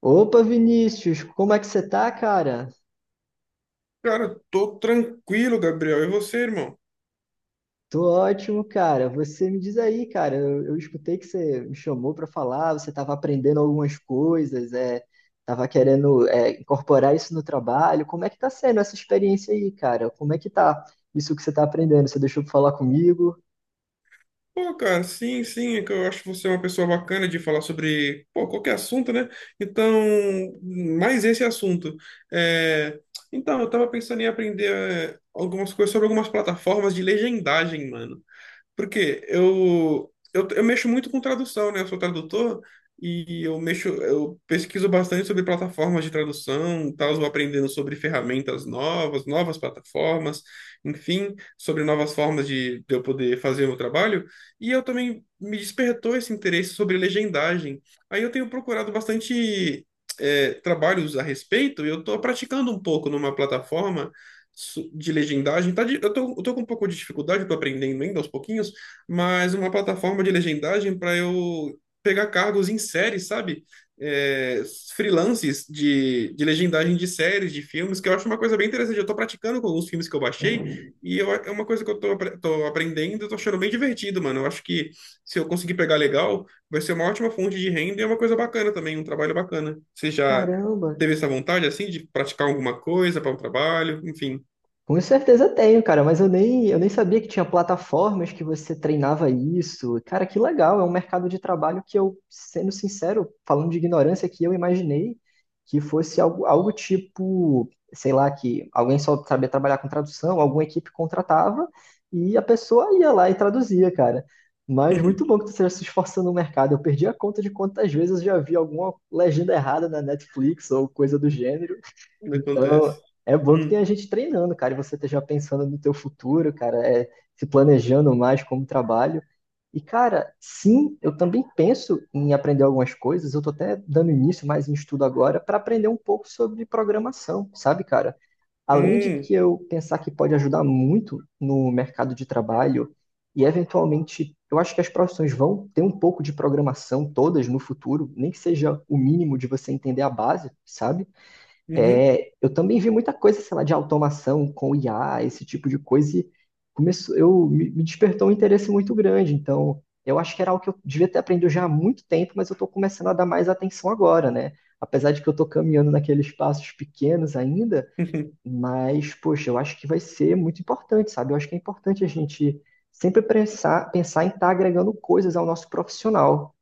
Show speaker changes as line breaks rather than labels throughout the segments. Opa, Vinícius, como é que você tá, cara?
Cara, tô tranquilo, Gabriel. E você, irmão?
Tô ótimo, cara. Você me diz aí, cara. Eu escutei que você me chamou pra falar, você tava aprendendo algumas coisas, tava querendo, incorporar isso no trabalho. Como é que tá sendo essa experiência aí, cara? Como é que tá isso que você tá aprendendo? Você deixou pra falar comigo?
Pô, cara, sim, é que eu acho você é uma pessoa bacana de falar sobre, pô, qualquer assunto, né? Então, mais esse assunto. É, Então, eu tava pensando em aprender algumas coisas sobre algumas plataformas de legendagem, mano. Porque eu mexo muito com tradução, né? Eu sou tradutor e eu mexo, eu pesquiso bastante sobre plataformas de tradução, tal, vou aprendendo sobre ferramentas novas, novas plataformas, enfim, sobre novas formas de eu poder fazer o meu trabalho. E eu também me despertou esse interesse sobre legendagem. Aí eu tenho procurado bastante trabalhos a respeito, e eu estou praticando um pouco numa plataforma de legendagem. Eu tô com um pouco de dificuldade, eu tô aprendendo ainda aos pouquinhos, mas uma plataforma de legendagem para eu pegar cargos em séries, sabe? É, freelances de legendagem de séries, de filmes, que eu acho uma coisa bem interessante. Eu tô praticando com alguns filmes que eu baixei é uma coisa que eu tô aprendendo, eu tô achando bem divertido, mano. Eu acho que se eu conseguir pegar legal, vai ser uma ótima fonte de renda e é uma coisa bacana também, um trabalho bacana. Você já
Caramba.
teve essa vontade, assim, de praticar alguma coisa para um trabalho, enfim.
Com certeza tenho, cara, mas eu nem sabia que tinha plataformas que você treinava isso. Cara, que legal, é um mercado de trabalho que eu, sendo sincero, falando de ignorância aqui, eu imaginei que fosse algo, algo tipo, sei lá, que alguém só sabia trabalhar com tradução, alguma equipe contratava e a pessoa ia lá e traduzia, cara. Mas muito bom que você esteja se esforçando no mercado. Eu perdi a conta de quantas vezes eu já vi alguma legenda errada na Netflix ou coisa do gênero.
Ainda
Então,
acontece.
é bom que tem
Hum.
a gente treinando, cara, e você esteja pensando no teu futuro, cara, se planejando mais como trabalho. E, cara, sim, eu também penso em aprender algumas coisas, eu tô até dando início mais em estudo agora para aprender um pouco sobre programação, sabe, cara? Além de
Hum.
que eu pensar que pode ajudar muito no mercado de trabalho e eventualmente eu acho que as profissões vão ter um pouco de programação todas no futuro, nem que seja o mínimo de você entender a base, sabe?
Uhum.
É, eu também vi muita coisa, sei lá, de automação com IA, esse tipo de coisa, e começou, me despertou um interesse muito grande. Então, eu acho que era algo que eu devia ter aprendido já há muito tempo, mas eu estou começando a dar mais atenção agora, né? Apesar de que eu estou caminhando naqueles passos pequenos ainda,
Uhum.
mas, poxa, eu acho que vai ser muito importante, sabe? Eu acho que é importante a gente sempre pensar, pensar em estar agregando coisas ao nosso profissional.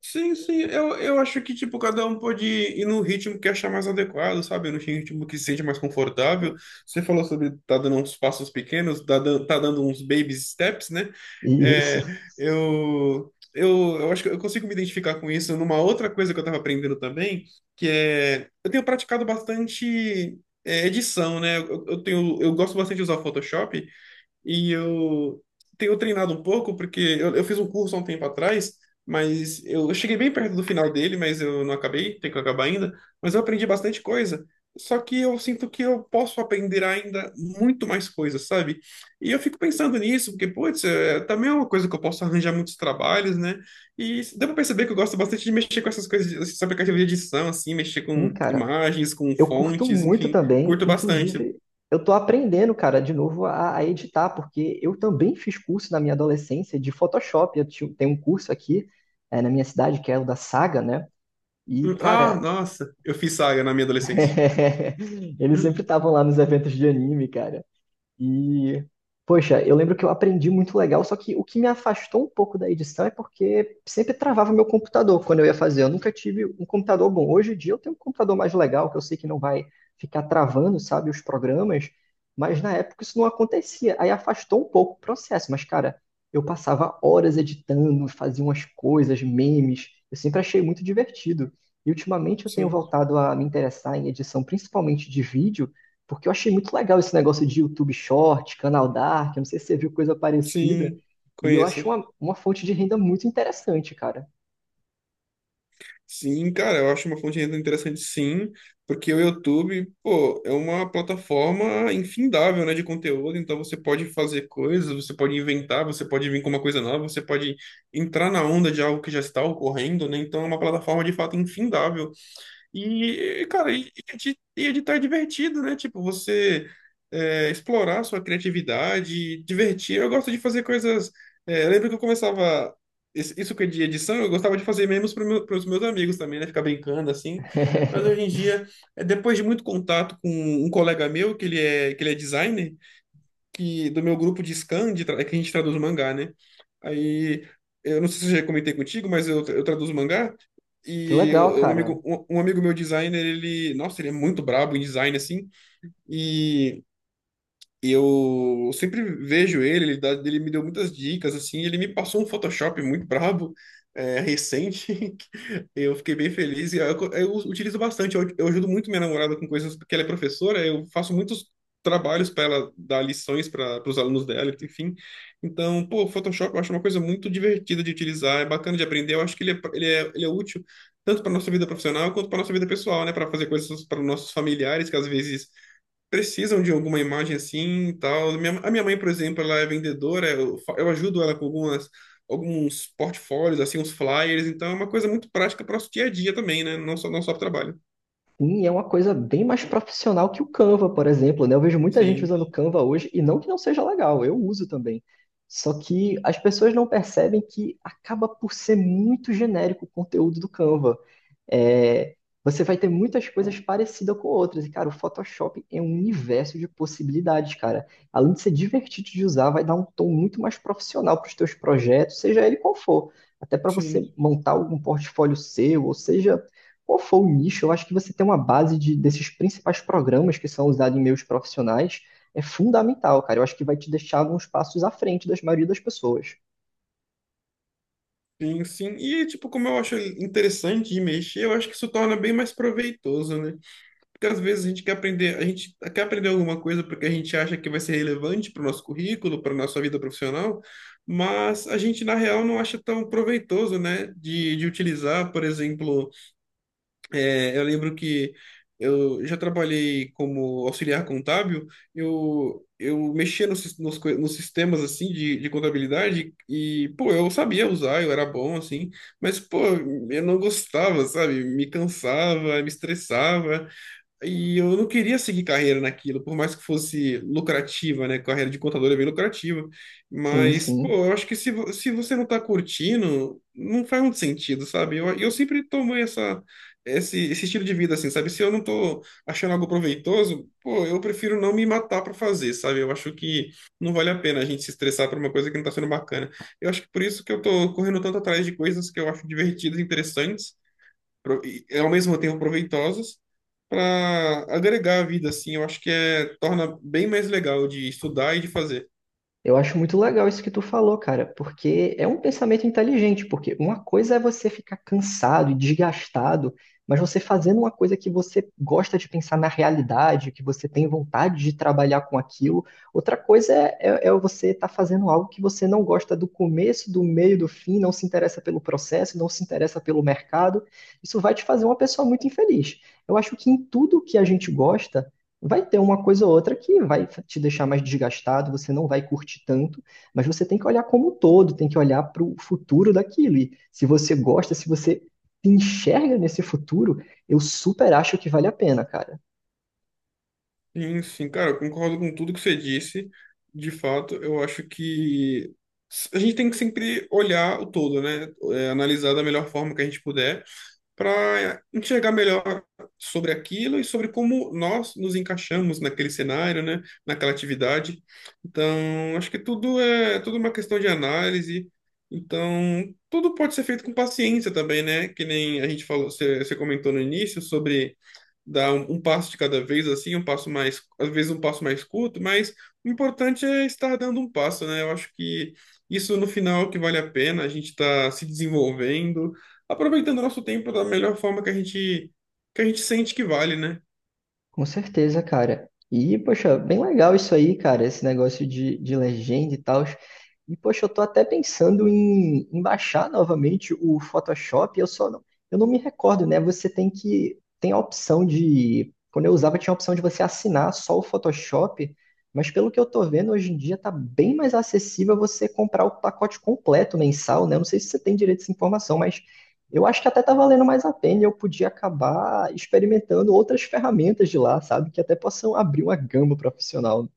Sim, sim. Eu acho que, tipo, cada um pode ir no ritmo que achar mais adequado, sabe? No ritmo que se sente mais confortável. Você falou sobre tá dando uns passos pequenos, tá dando uns baby steps, né?
Isso.
É, eu acho que eu consigo me identificar com isso numa outra coisa que eu tava aprendendo também, que é... Eu tenho praticado bastante... edição, né? Eu tenho, eu gosto bastante de usar Photoshop. E eu tenho treinado um pouco, porque eu fiz um curso há um tempo atrás, mas eu cheguei bem perto do final dele, mas eu não acabei, tenho que acabar ainda. Mas eu aprendi bastante coisa. Só que eu sinto que eu posso aprender ainda muito mais coisas, sabe? E eu fico pensando nisso, porque, putz, é, também é uma coisa que eu posso arranjar muitos trabalhos, né? E deu pra perceber que eu gosto bastante de mexer com essas coisas, esses aplicativos de edição, assim, mexer
Sim,
com
cara,
imagens, com
eu curto
fontes,
muito
enfim,
também,
curto bastante.
inclusive, eu tô aprendendo, cara, de novo a editar, porque eu também fiz curso na minha adolescência de Photoshop. Eu tenho um curso aqui, na minha cidade, que é o da Saga, né? E,
Ah,
cara,
nossa, eu fiz Saga na minha adolescência.
eles
Hum.
sempre estavam lá nos eventos de anime, cara. E, poxa, eu lembro que eu aprendi muito legal, só que o que me afastou um pouco da edição é porque sempre travava meu computador quando eu ia fazer. Eu nunca tive um computador bom. Hoje em dia eu tenho um computador mais legal, que eu sei que não vai ficar travando, sabe, os programas, mas na época isso não acontecia. Aí afastou um pouco o processo, mas cara, eu passava horas editando, fazia umas coisas, memes. Eu sempre achei muito divertido. E ultimamente eu tenho
Sim,
voltado a me interessar em edição, principalmente de vídeo. Porque eu achei muito legal esse negócio de YouTube Short, Canal Dark, eu não sei se você viu coisa parecida.
sim,
E eu acho
conheço.
uma fonte de renda muito interessante, cara.
Sim, cara, eu acho uma fonte de renda interessante, sim, porque o YouTube, pô, é uma plataforma infindável, né, de conteúdo, então você pode fazer coisas, você pode inventar, você pode vir com uma coisa nova, você pode entrar na onda de algo que já está ocorrendo, né, então é uma plataforma de fato infindável. E, cara, e editar é divertido, né? Tipo, você explorar sua criatividade, divertir. Eu gosto de fazer coisas. É, eu lembro que eu começava. Isso que é de edição, eu gostava de fazer memes para os meus amigos também, né? Ficar brincando assim. Mas hoje em dia, depois de muito contato com um colega meu, que ele é designer que do meu grupo de scan, de tra- é que a gente traduz mangá, né? Aí, eu não sei se eu já comentei contigo, mas eu traduzo mangá.
Que legal,
Um
cara.
amigo, um amigo meu designer, ele, nossa, ele é muito brabo em design, assim. E eu sempre vejo ele me deu muitas dicas, assim, ele me passou um Photoshop muito brabo, recente, que eu fiquei bem feliz, e eu utilizo bastante, eu ajudo muito minha namorada com coisas, porque ela é professora, eu faço muitos trabalhos para ela dar lições para os alunos dela, enfim, então, pô, Photoshop eu acho uma coisa muito divertida de utilizar, é bacana de aprender, eu acho que ele é útil tanto para nossa vida profissional quanto para nossa vida pessoal, né, para fazer coisas para nossos familiares, que às vezes precisam de alguma imagem assim e tal. A minha mãe, por exemplo, ela é vendedora, eu, eu ajudo ela com algumas, alguns portfólios, assim, uns flyers, então é uma coisa muito prática para o nosso dia a dia também, né? Não só para trabalho.
Sim, é uma coisa bem mais profissional que o Canva, por exemplo, né? Eu vejo muita gente
Sim,
usando o Canva hoje, e não que não seja legal, eu uso também. Só que as pessoas não percebem que acaba por ser muito genérico o conteúdo do Canva. É, você vai ter muitas coisas parecidas com outras. E, cara, o Photoshop é um universo de possibilidades, cara. Além de ser divertido de usar, vai dar um tom muito mais profissional para os teus projetos, seja ele qual for. Até para você
sim,
montar algum portfólio seu, ou seja, qual for o nicho, eu acho que você ter uma base desses principais programas que são usados em meios profissionais é fundamental, cara. Eu acho que vai te deixar alguns passos à frente das maioria das pessoas.
sim, sim. E, tipo, como eu acho interessante de mexer, eu acho que isso torna bem mais proveitoso, né? Porque às vezes a gente quer aprender, a gente quer aprender alguma coisa porque a gente acha que vai ser relevante para o nosso currículo, para a nossa vida profissional, mas a gente, na real, não acha tão proveitoso, né, de utilizar. Por exemplo, eu lembro que eu já trabalhei como auxiliar contábil, eu mexia nos sistemas, assim, de contabilidade e, pô, eu sabia usar, eu era bom, assim, mas, pô, eu não gostava, sabe? Me cansava, me estressava. E eu não queria seguir carreira naquilo, por mais que fosse lucrativa, né? Carreira de contador é bem lucrativa.
Sim,
Mas, pô,
sim.
eu acho que se você não tá curtindo, não faz muito sentido, sabe? Eu sempre tomo esse estilo de vida, assim, sabe? Se eu não tô achando algo proveitoso, pô, eu prefiro não me matar pra fazer, sabe? Eu acho que não vale a pena a gente se estressar por uma coisa que não tá sendo bacana. Eu acho que por isso que eu tô correndo tanto atrás de coisas que eu acho divertidas e interessantes e, ao mesmo tempo proveitosas para agregar a vida, assim, eu acho que é, torna bem mais legal de estudar e de fazer.
Eu acho muito legal isso que tu falou, cara, porque é um pensamento inteligente, porque uma coisa é você ficar cansado e desgastado, mas você fazendo uma coisa que você gosta de pensar na realidade, que você tem vontade de trabalhar com aquilo, outra coisa é você estar fazendo algo que você não gosta do começo, do meio, do fim, não se interessa pelo processo, não se interessa pelo mercado, isso vai te fazer uma pessoa muito infeliz. Eu acho que em tudo que a gente gosta, vai ter uma coisa ou outra que vai te deixar mais desgastado, você não vai curtir tanto, mas você tem que olhar como um todo, tem que olhar para o futuro daquilo. E se você gosta, se você se enxerga nesse futuro, eu super acho que vale a pena, cara.
Sim, sim, cara, eu concordo com tudo que você disse. De fato, eu acho que a gente tem que sempre olhar o todo, né? É, analisar da melhor forma que a gente puder para enxergar melhor sobre aquilo e sobre como nós nos encaixamos naquele cenário, né, naquela atividade. Então, acho que tudo é uma questão de análise. Então, tudo pode ser feito com paciência também, né? Que nem a gente falou, você comentou no início sobre dar um passo de cada vez, assim, um passo mais, às vezes um passo mais curto, mas o importante é estar dando um passo, né? Eu acho que isso no final é o que vale a pena, a gente está se desenvolvendo, aproveitando o nosso tempo da melhor forma que a gente sente que vale, né?
Com certeza, cara. E, poxa, bem legal isso aí, cara, esse negócio de legenda e tal. E, poxa, eu tô até pensando em, em baixar novamente o Photoshop. Eu não me recordo, né? Você tem que, tem a opção de, quando eu usava, tinha a opção de você assinar só o Photoshop. Mas pelo que eu tô vendo, hoje em dia tá bem mais acessível você comprar o pacote completo mensal, né? Eu não sei se você tem direito a essa informação, mas eu acho que até tá valendo mais a pena e eu podia acabar experimentando outras ferramentas de lá, sabe? Que até possam abrir uma gama profissional.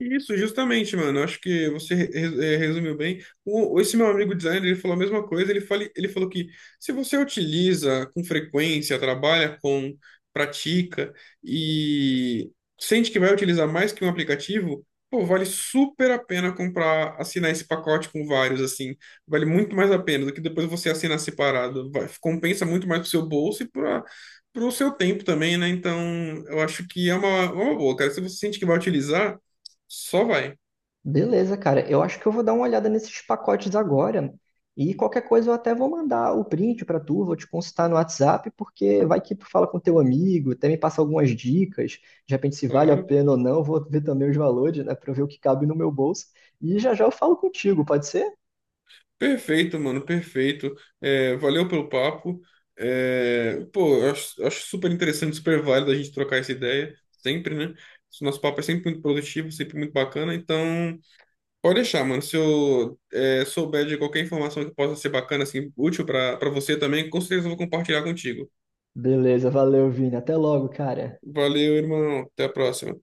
Isso, justamente, mano. Acho que você resumiu bem. O, esse meu amigo designer, ele falou a mesma coisa. Ele falou que se você utiliza com frequência, trabalha com, pratica e sente que vai utilizar mais que um aplicativo, pô, vale super a pena comprar, assinar esse pacote com vários, assim. Vale muito mais a pena do que depois você assinar separado. Compensa muito mais pro seu bolso e para o seu tempo também, né? Então, eu acho que é uma boa, cara. Se você sente que vai utilizar. Só vai,
Beleza, cara. Eu acho que eu vou dar uma olhada nesses pacotes agora. E qualquer coisa eu até vou mandar o print pra tu, vou te consultar no WhatsApp, porque vai que tu fala com teu amigo, até me passa algumas dicas, de repente se vale a
claro.
pena ou não, vou ver também os valores, né, pra eu ver o que cabe no meu bolso. E já já eu falo contigo, pode ser?
Perfeito, mano, perfeito. É, valeu pelo papo. É, pô, eu acho, acho super interessante, super válido a gente trocar essa ideia, sempre, né? Esse nosso papo é sempre muito produtivo, sempre muito bacana. Então, pode deixar, mano. Se eu souber de qualquer informação que possa ser bacana, assim, útil para você também, com certeza eu vou compartilhar contigo.
Beleza, valeu, Vini. Até logo, cara.
Valeu, irmão. Até a próxima.